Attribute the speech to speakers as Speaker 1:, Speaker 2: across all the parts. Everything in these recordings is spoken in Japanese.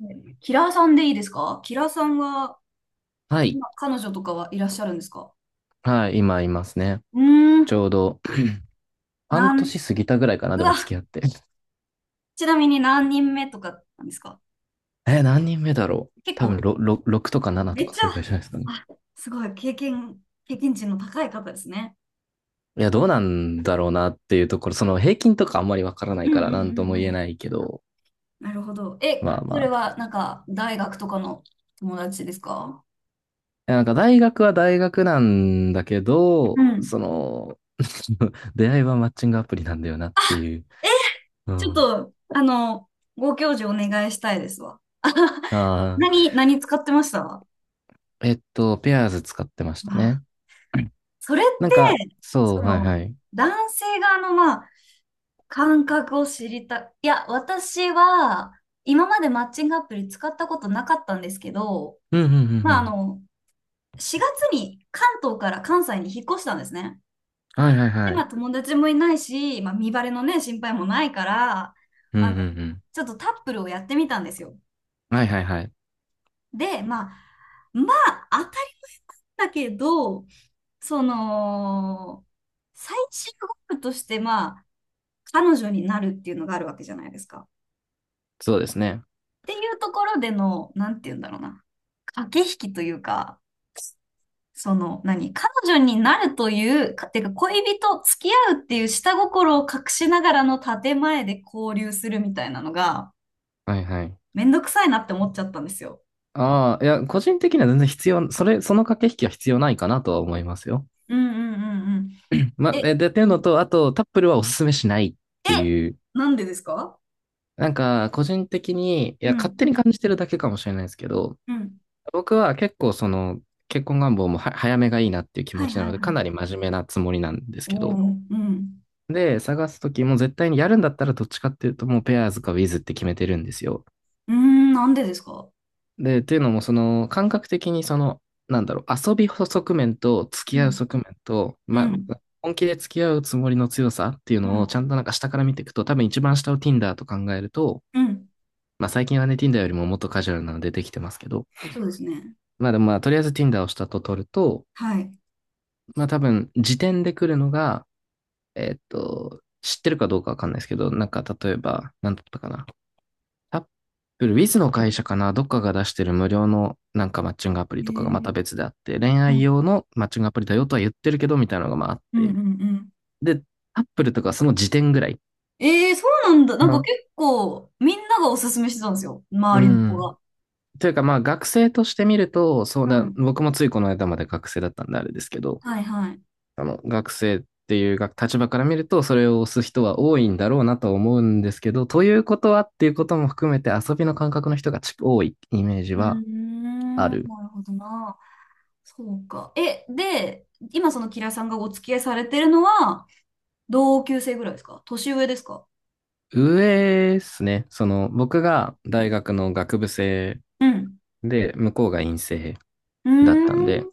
Speaker 1: はい、キラーさんでいいですか？キラーさんは、
Speaker 2: はい。
Speaker 1: 今彼女とかはいらっしゃるんですか？
Speaker 2: はい、今いますね。
Speaker 1: うー
Speaker 2: ち
Speaker 1: ん、
Speaker 2: ょうど
Speaker 1: な
Speaker 2: 半
Speaker 1: ん、
Speaker 2: 年過ぎたぐらいかな、
Speaker 1: う
Speaker 2: でも
Speaker 1: わ、
Speaker 2: 付き合って。
Speaker 1: ちなみに何人目とかなんですか？
Speaker 2: え、何人目だろう
Speaker 1: 結
Speaker 2: 多分
Speaker 1: 構、
Speaker 2: 6とか7
Speaker 1: め
Speaker 2: と
Speaker 1: っ
Speaker 2: か
Speaker 1: ちゃ、
Speaker 2: それぐらいじゃないですかね。
Speaker 1: あ、すごい、経験値の高い方ですね。
Speaker 2: いや、どうなんだろうなっていうところ、その平均とかあんまりわからな
Speaker 1: う
Speaker 2: い
Speaker 1: ん
Speaker 2: から
Speaker 1: うんう
Speaker 2: 何と
Speaker 1: ん
Speaker 2: も
Speaker 1: う
Speaker 2: 言え
Speaker 1: ん。
Speaker 2: ないけど、
Speaker 1: なるほど。え、
Speaker 2: まあ
Speaker 1: そ
Speaker 2: まあ
Speaker 1: れ
Speaker 2: って感
Speaker 1: はなん
Speaker 2: じ。
Speaker 1: か、大学とかの友達ですか？
Speaker 2: いやなんか大学は大学なんだけ
Speaker 1: う
Speaker 2: ど、
Speaker 1: ん。
Speaker 2: その、出会いはマッチングアプリなんだよなっていう。
Speaker 1: え、
Speaker 2: う
Speaker 1: ちょっ
Speaker 2: ん。
Speaker 1: と、あの、ご教授お願いしたいですわ。
Speaker 2: ああ、
Speaker 1: 何使ってましたわ？
Speaker 2: ペアーズ使ってましたね。
Speaker 1: それっ
Speaker 2: なんか、
Speaker 1: て、
Speaker 2: そ
Speaker 1: そ
Speaker 2: う、はい
Speaker 1: の、
Speaker 2: はい。
Speaker 1: 男性側の、まあ、感覚を知りたい。や、私は、今までマッチングアプリ使ったことなかったんですけど、
Speaker 2: うんうんうんう
Speaker 1: まあ、あ
Speaker 2: ん。
Speaker 1: の、4月に関東から関西に引っ越したんですね。
Speaker 2: はいはいは
Speaker 1: で、まあ、
Speaker 2: い。
Speaker 1: 友達もいないし、まあ、身バレのね、心配もないから、
Speaker 2: うん
Speaker 1: あ
Speaker 2: う
Speaker 1: の、
Speaker 2: んう
Speaker 1: ちょっとタップルをやってみたんですよ。
Speaker 2: ん。はいはいはい。
Speaker 1: で、まあ、当たりだけど、その、最終ゴールとして、まあ、彼女になるっていうのがあるわけじゃないですか。っ
Speaker 2: そうですね。
Speaker 1: ていうところでの、なんて言うんだろうな。駆け引きというか、その、何彼女になるという、かてか恋人、付き合うっていう下心を隠しながらの建前で交流するみたいなのが、
Speaker 2: はいはい。
Speaker 1: めんどくさいなって思っちゃったんですよ。
Speaker 2: ああ、いや、個人的には全然必要、それ、その駆け引きは必要ないかなとは思いますよ。
Speaker 1: うんうんうんうん。
Speaker 2: ま、
Speaker 1: え、
Speaker 2: で、っていう
Speaker 1: う
Speaker 2: の
Speaker 1: ん、
Speaker 2: と、あと、タップルはおすすめしないって
Speaker 1: え、
Speaker 2: いう、
Speaker 1: なんでですか？
Speaker 2: なんか、個人的に、い
Speaker 1: う
Speaker 2: や、勝手
Speaker 1: ん、
Speaker 2: に感じてるだけかもしれないですけど、
Speaker 1: うん。
Speaker 2: 僕は結構、その、結婚願望もは早めがいいなっていう気持
Speaker 1: はい
Speaker 2: ちな
Speaker 1: は
Speaker 2: の
Speaker 1: い
Speaker 2: で、
Speaker 1: は
Speaker 2: か
Speaker 1: い。
Speaker 2: なり真面目なつもりなんです
Speaker 1: おお、
Speaker 2: けど、
Speaker 1: うん。
Speaker 2: で、探すときも絶対にやるんだったらどっちかっていうと、もうペアーズかウィズって決めてるんですよ。
Speaker 1: うーん、なんでですか？
Speaker 2: で、っていうのも、その、感覚的に、その、なんだろう、遊び側面と付
Speaker 1: う
Speaker 2: き合う
Speaker 1: ん、
Speaker 2: 側面と、ま、
Speaker 1: うん、
Speaker 2: 本気で付き合うつもりの強さっていう
Speaker 1: う
Speaker 2: のをちゃ
Speaker 1: ん、
Speaker 2: んとなんか下から見ていくと、多分一番下を Tinder と考えると、
Speaker 1: うん。
Speaker 2: まあ最近はね、Tinder よりももっとカジュアルなのでできてますけど、
Speaker 1: そうですね。
Speaker 2: まあでもまあとりあえず Tinder を下と取ると、
Speaker 1: はい。
Speaker 2: まあ多分時点で来るのが、知ってるかどうかわかんないですけど、なんか例えば、なんだったかな。アップル、ウィズの会社かな、どっかが出してる無料のなんかマッチングアプリ
Speaker 1: え
Speaker 2: とかがまた
Speaker 1: ー、
Speaker 2: 別であって、恋
Speaker 1: う
Speaker 2: 愛
Speaker 1: ん
Speaker 2: 用のマッチングアプリだよとは言ってるけど、みたいなのがまああっ
Speaker 1: うんうん
Speaker 2: て。
Speaker 1: うん。
Speaker 2: で、アップルとかその時点ぐらい。
Speaker 1: えー、そうなんだ。
Speaker 2: あ
Speaker 1: なんか
Speaker 2: の、
Speaker 1: 結構、みんながおすすめしてたんですよ。
Speaker 2: う
Speaker 1: 周りの子
Speaker 2: ん。
Speaker 1: が。
Speaker 2: というかまあ学生として見ると、そう
Speaker 1: う
Speaker 2: だ、
Speaker 1: ん。
Speaker 2: 僕もついこの間まで学生だったんであれですけど、
Speaker 1: はいはい。
Speaker 2: 学生っていうが立場から見ると、それを押す人は多いんだろうなと思うんですけど、ということはっていうことも含めて遊びの感覚の人がち多いイメージ
Speaker 1: うー
Speaker 2: はあ
Speaker 1: ん、
Speaker 2: る。
Speaker 1: なるほどな。そうか。今そのキラさんがお付き合いされてるのは、同級生ぐらいですか、年上ですか？
Speaker 2: 上ですね。その、僕が大学の学部生
Speaker 1: うん。
Speaker 2: で、向こうが院生
Speaker 1: うー
Speaker 2: だったんで、
Speaker 1: ん、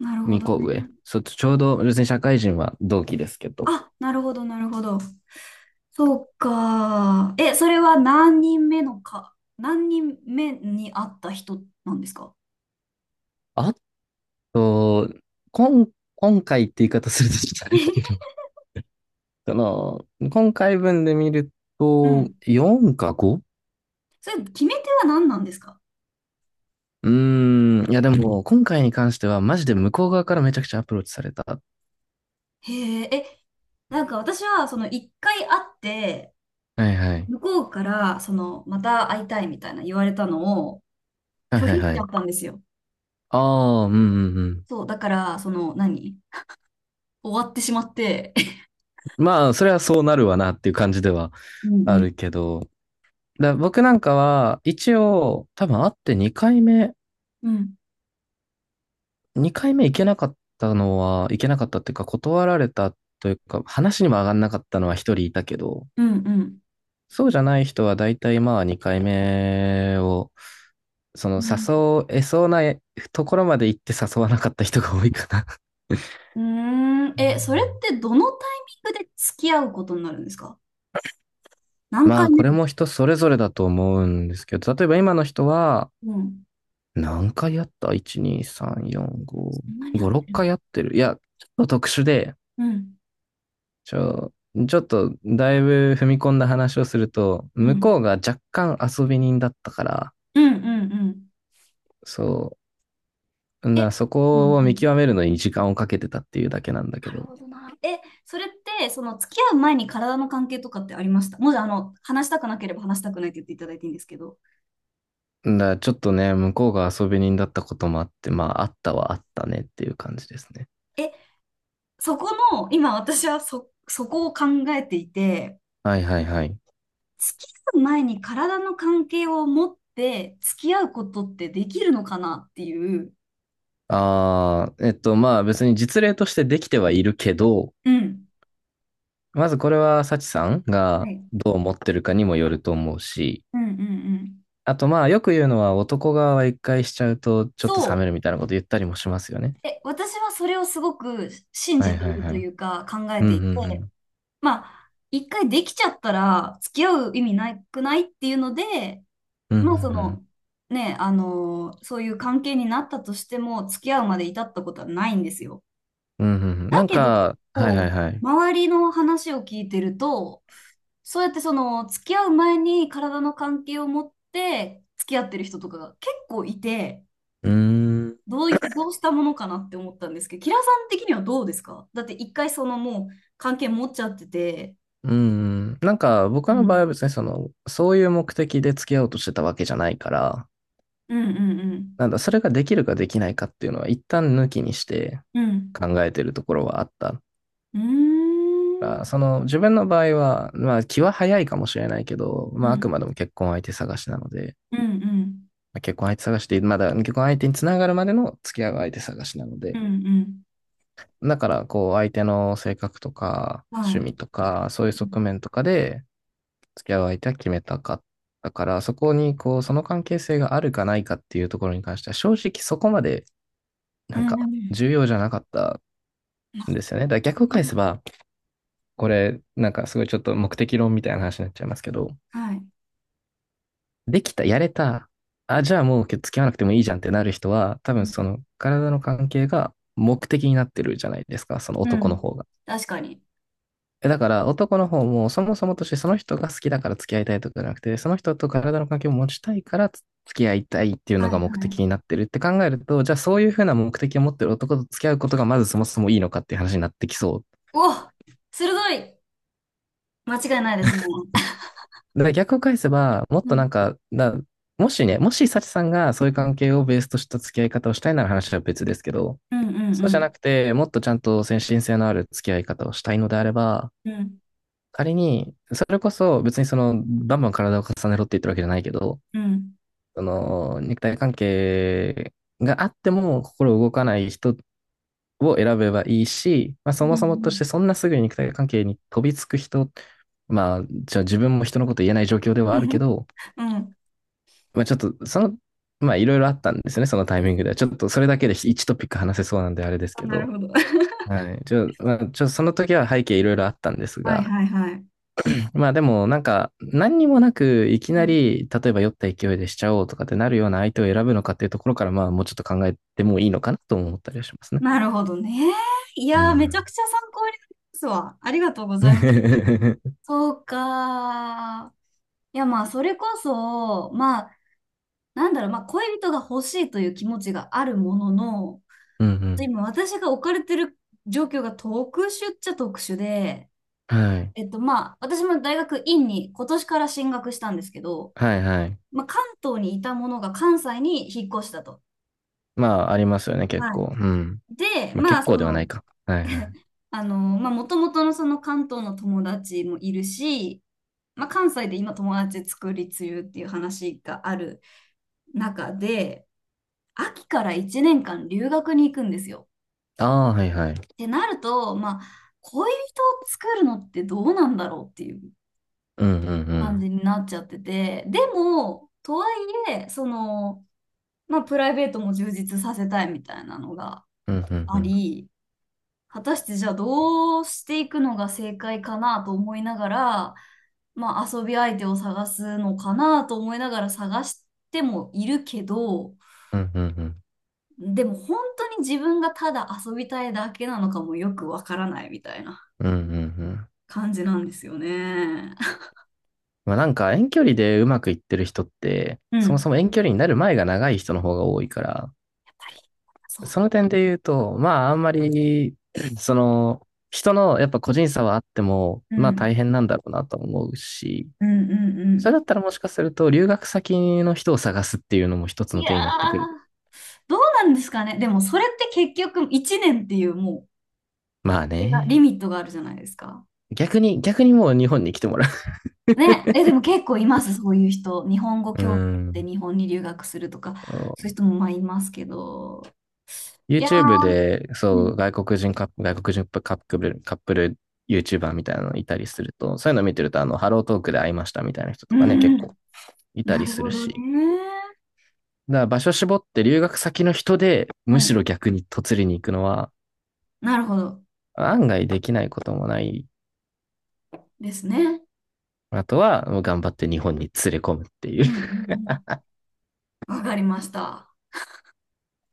Speaker 1: なるほ
Speaker 2: 2
Speaker 1: ど
Speaker 2: 個
Speaker 1: ね。
Speaker 2: 上。ちょうど、別に社会人は同期ですけど。
Speaker 1: あ、なるほど、なるほど。そうか。え、それは何人目に会った人なんですか？
Speaker 2: あと、今、今回って言い方するとちょっとあれだけど、その、今回分で見る
Speaker 1: う
Speaker 2: と、
Speaker 1: ん。
Speaker 2: 4か 5？
Speaker 1: それ、決め手は何なんですか？
Speaker 2: うーん、いやでも、今回に関しては、マジで向こう側からめちゃくちゃアプローチされた。
Speaker 1: へえ、え、なんか私は、その、一回会って、
Speaker 2: はいはい。
Speaker 1: 向こうから、その、また会いたいみたいな言われたのを
Speaker 2: はい
Speaker 1: 拒
Speaker 2: は
Speaker 1: 否
Speaker 2: い
Speaker 1: し
Speaker 2: は
Speaker 1: ちゃっ
Speaker 2: い。
Speaker 1: たんですよ。
Speaker 2: ああ、うんうんうん。
Speaker 1: そう、だから、その、何終わってしまって。
Speaker 2: まあ、それはそうなるわなっていう感じでは
Speaker 1: うん
Speaker 2: あ
Speaker 1: うん。
Speaker 2: るけど、僕なんかは、一応、多分会って
Speaker 1: うん、
Speaker 2: 2回目行けなかったのは、行けなかったっていうか、断られたというか、話にも上がんなかったのは1人いたけど、
Speaker 1: うん、うん。
Speaker 2: そうじゃない人は大体まあ2回目を、その
Speaker 1: うん、
Speaker 2: 誘えそうなところまで行って誘わなかった人が多いかな。
Speaker 1: うーん。え、それってどのタイミングで付き合うことになるんですか？何
Speaker 2: ま
Speaker 1: 回
Speaker 2: あ、
Speaker 1: 目
Speaker 2: これ
Speaker 1: とか。
Speaker 2: も人それぞれだと思うんですけど、例えば今の人は、
Speaker 1: うん。
Speaker 2: 何回やった？ 1、2、3、4、
Speaker 1: そ
Speaker 2: 5、
Speaker 1: んなに合っ
Speaker 2: 5、6
Speaker 1: てるの？
Speaker 2: 回やってる。いや、ちょっと特殊で、
Speaker 1: うん。
Speaker 2: ちょ、ちょっとだいぶ踏み込んだ話をすると、
Speaker 1: う
Speaker 2: 向こ
Speaker 1: ん。
Speaker 2: うが若干遊び人だったから、
Speaker 1: うん。うんうん。
Speaker 2: そう、
Speaker 1: え、
Speaker 2: そ
Speaker 1: うん
Speaker 2: こを
Speaker 1: う
Speaker 2: 見
Speaker 1: ん。
Speaker 2: 極めるのに時間をかけてたっていうだけなんだけ
Speaker 1: なる
Speaker 2: ど、
Speaker 1: ほどな。え、それって、その付き合う前に体の関係とかってありました？もし、あの、話したくなければ話したくないって言っていただいていいんですけど。
Speaker 2: ちょっとね、向こうが遊び人だったこともあって、まあ、あったはあったねっていう感じですね。
Speaker 1: え、そこの、今私はそこを考えていて、
Speaker 2: はいはいはい。
Speaker 1: 付き合う前に体の関係を持って付き合うことってできるのかなっていう。
Speaker 2: ああ、まあ別に実例としてできてはいるけど、
Speaker 1: うん。
Speaker 2: まずこれは、サチさん
Speaker 1: は
Speaker 2: が
Speaker 1: い。
Speaker 2: どう思ってるかにもよると思うし、
Speaker 1: うんうんうん。
Speaker 2: あとまあ、よく言うのは男側は一回しちゃうと、ちょっと
Speaker 1: そ
Speaker 2: 冷め
Speaker 1: う。
Speaker 2: るみたいなこと言ったりもしますよね。
Speaker 1: え、私はそれをすごく信
Speaker 2: は
Speaker 1: じ
Speaker 2: い
Speaker 1: て
Speaker 2: は
Speaker 1: い
Speaker 2: い
Speaker 1: る
Speaker 2: は
Speaker 1: と
Speaker 2: い。
Speaker 1: いうか考え
Speaker 2: うん
Speaker 1: て
Speaker 2: う
Speaker 1: い
Speaker 2: ん
Speaker 1: て、
Speaker 2: うん。
Speaker 1: まあ、一回できちゃったら付き合う意味なくないっていうので、
Speaker 2: うんうんう
Speaker 1: まあそ
Speaker 2: ん。
Speaker 1: の、ね、あのそういう関係になったとしても付き合うまで至ったことはないんですよ。
Speaker 2: うんうんうん。
Speaker 1: だ
Speaker 2: なん
Speaker 1: けど結
Speaker 2: か、はいはい
Speaker 1: 構、
Speaker 2: はい。
Speaker 1: 周りの話を聞いてると、そうやってその付き合う前に体の関係を持って付き合ってる人とかが結構いて、
Speaker 2: うーん。
Speaker 1: どうしたものかなって思ったんですけど、キラさん的にはどうですか？だって一回そのもう関係持っちゃってて、
Speaker 2: うんうん。なんか、僕
Speaker 1: う
Speaker 2: の場合
Speaker 1: ん、
Speaker 2: は別にその、そういう目的で付き合おうとしてたわけじゃないから、
Speaker 1: うんうん
Speaker 2: なんだ、それができるかできないかっていうのは一旦抜きにして
Speaker 1: うん、
Speaker 2: 考えてるところはあった。
Speaker 1: うん、うーん、
Speaker 2: その自分の場合は、まあ気は早いかもしれないけど、
Speaker 1: う
Speaker 2: まああく
Speaker 1: ん、
Speaker 2: までも結婚相手探しなので、
Speaker 1: うん、うん、
Speaker 2: まあ結婚相手探しでまだ結婚相手につながるまでの付き合う相手探しなの
Speaker 1: う
Speaker 2: で、
Speaker 1: ん、うん、
Speaker 2: だからこう相手の性格とか
Speaker 1: は
Speaker 2: 趣味
Speaker 1: い、
Speaker 2: とかそういう
Speaker 1: う
Speaker 2: 側
Speaker 1: ん、
Speaker 2: 面とかで付き合う相手は決めたかったから、そこにこうその関係性があるかないかっていうところに関しては正直そこまで
Speaker 1: う
Speaker 2: なんか
Speaker 1: ん、
Speaker 2: 重要じゃなかったんですよね。だから逆を返せば、これなんかすごいちょっと目的論みたいな話になっちゃいますけど、
Speaker 1: はい、
Speaker 2: できた、やれた、あ、じゃあもう付き合わなくてもいいじゃんってなる人は、多
Speaker 1: う
Speaker 2: 分
Speaker 1: ん、
Speaker 2: その体の関係が目的になってるじゃないですか、その
Speaker 1: う
Speaker 2: 男の
Speaker 1: ん、
Speaker 2: 方が。
Speaker 1: 確かに。
Speaker 2: だから男の方もそもそもとしてその人が好きだから付き合いたいとかじゃなくて、その人と体の関係を持ちたいから付き合いたいっていうの
Speaker 1: はい、
Speaker 2: が目
Speaker 1: は
Speaker 2: 的に
Speaker 1: い。
Speaker 2: なってるって考えると、じゃあそういうふうな目的を持ってる男と付き合うことがまずそもそもいいのかっていう話になってきそう。
Speaker 1: お、鋭い。間違いないですね。
Speaker 2: だから逆を返せば、もっ
Speaker 1: う
Speaker 2: とな
Speaker 1: ん、
Speaker 2: んか、もしね、もし幸さんがそういう
Speaker 1: うん、
Speaker 2: 関係をベースとした付き合い方をしたいなら話は別ですけど、
Speaker 1: うん、うん、
Speaker 2: そう
Speaker 1: う
Speaker 2: じゃ
Speaker 1: ん、
Speaker 2: なくて、もっとちゃんと先進性のある付き合い方をしたいのであれば、
Speaker 1: うん、
Speaker 2: 仮に、それこそ別にその、バンバン体を重ねろって言ってるわけじゃないけど、
Speaker 1: うん、
Speaker 2: その、肉体関係があっても心動かない人を選べばいいし、まあ
Speaker 1: う
Speaker 2: そ
Speaker 1: ん、
Speaker 2: も
Speaker 1: う
Speaker 2: そもとし
Speaker 1: ん、
Speaker 2: てそんなすぐに肉体関係に飛びつく人、まあ、じゃあ自分も人のこと言えない状況ではあるけど、まあちょっと、その、まあいろいろあったんですよね、そのタイミングでは。ちょっとそれだけで1トピック話せそうなんであれです
Speaker 1: あ、
Speaker 2: け
Speaker 1: なる
Speaker 2: ど、
Speaker 1: ほど。
Speaker 2: はい。まあ、その時は背景いろいろあったんです
Speaker 1: はい
Speaker 2: が、
Speaker 1: はいはい。
Speaker 2: まあでもなんか何にもなくいき
Speaker 1: う
Speaker 2: な
Speaker 1: ん。
Speaker 2: り、例えば酔った勢いでしちゃおうとかってなるような相手を選ぶのかっていうところから、まあもうちょっと考えてもいいのかなとも思ったりはしますね。
Speaker 1: なるほどね。い
Speaker 2: う
Speaker 1: やー、めちゃ
Speaker 2: ん。
Speaker 1: くちゃ参考になりますわ。ありがとうござい ます。そうかー。いや、まあ、それこそ、まあ、なんだろう、まあ、恋人が欲しいという気持ちがあるものの、
Speaker 2: うんうん。
Speaker 1: 今、私が置かれてる状況が特殊っちゃ特殊で、
Speaker 2: はい。
Speaker 1: 私も大学院に今年から進学したんですけど、
Speaker 2: はいはい。
Speaker 1: まあ、関東にいたものが関西に引っ越したと。
Speaker 2: まあありますよね、結
Speaker 1: は
Speaker 2: 構。うん。
Speaker 1: い。で、
Speaker 2: まあ
Speaker 1: ま
Speaker 2: 結
Speaker 1: あ、そ
Speaker 2: 構ではない
Speaker 1: の、
Speaker 2: か。はいはい。
Speaker 1: あの、まあ、もともとのその関東の友達もいるし、まあ、関西で今友達作り中っていう話がある中で、秋から1年間留学に行くんですよ。
Speaker 2: ああ、はいは
Speaker 1: っ
Speaker 2: い。
Speaker 1: てなると、まあ、恋人を作るのってどうなんだろうっていう
Speaker 2: うんうんう
Speaker 1: 感
Speaker 2: ん。
Speaker 1: じになっちゃってて、でも、とはいえ、その、まあ、プライベートも充実させたいみたいなのが
Speaker 2: うんうんう
Speaker 1: あ
Speaker 2: ん。
Speaker 1: り、果たしてじゃあどうしていくのが正解かなと思いながら、まあ遊び相手を探すのかなと思いながら探してもいるけど、
Speaker 2: うんうんうん。
Speaker 1: でも本当に自分がただ遊びたいだけなのかもよくわからないみたいな
Speaker 2: うんうんうん。
Speaker 1: 感じなんですよね。
Speaker 2: まあなんか遠距離でうまくいってる人って、
Speaker 1: う
Speaker 2: そ
Speaker 1: ん。
Speaker 2: も
Speaker 1: や
Speaker 2: そも遠距離になる前が長い人の方が多いから、
Speaker 1: っぱり、そう
Speaker 2: そ
Speaker 1: で
Speaker 2: の
Speaker 1: す。
Speaker 2: 点で言うと、まああんまり、その、人のやっぱ個人差はあっても、まあ大変なんだろうなと思うし、
Speaker 1: うんうんうん
Speaker 2: それ
Speaker 1: う
Speaker 2: だったらもしかすると留学先の人を探すっていうのも一つ
Speaker 1: ん。い
Speaker 2: の
Speaker 1: や
Speaker 2: 手
Speaker 1: ー、
Speaker 2: になってくる。
Speaker 1: どうなんですかね。でもそれって結局1年っていうもう、
Speaker 2: まあ
Speaker 1: がリ
Speaker 2: ね。
Speaker 1: ミットがあるじゃないですか。
Speaker 2: 逆にもう日本に来てもら
Speaker 1: ね、え、でも結構います、そういう人。日本語
Speaker 2: う。う
Speaker 1: 教で
Speaker 2: ん。
Speaker 1: 日本に留学するとか、そういう 人もまあいますけど。いや
Speaker 2: YouTube
Speaker 1: ー、
Speaker 2: で、
Speaker 1: う
Speaker 2: そう、
Speaker 1: ん、
Speaker 2: 外国人カップル、カップル YouTuber みたいなのいたりすると、そういうの見てると、ハロートークで会いましたみたいな人
Speaker 1: う
Speaker 2: と
Speaker 1: ん、
Speaker 2: かね、結
Speaker 1: う
Speaker 2: 構
Speaker 1: ん、
Speaker 2: いた
Speaker 1: な
Speaker 2: り
Speaker 1: る
Speaker 2: す
Speaker 1: ほ
Speaker 2: る
Speaker 1: どね。
Speaker 2: し。だから場所絞って留学先の人で、
Speaker 1: う
Speaker 2: むし
Speaker 1: ん、
Speaker 2: ろ逆に嫁りに行くのは、
Speaker 1: なるほど
Speaker 2: 案外できないこともない。
Speaker 1: ですね。
Speaker 2: あとは、もう頑張って日本に連れ込むっていう
Speaker 1: うん、うん、うん、わかりました。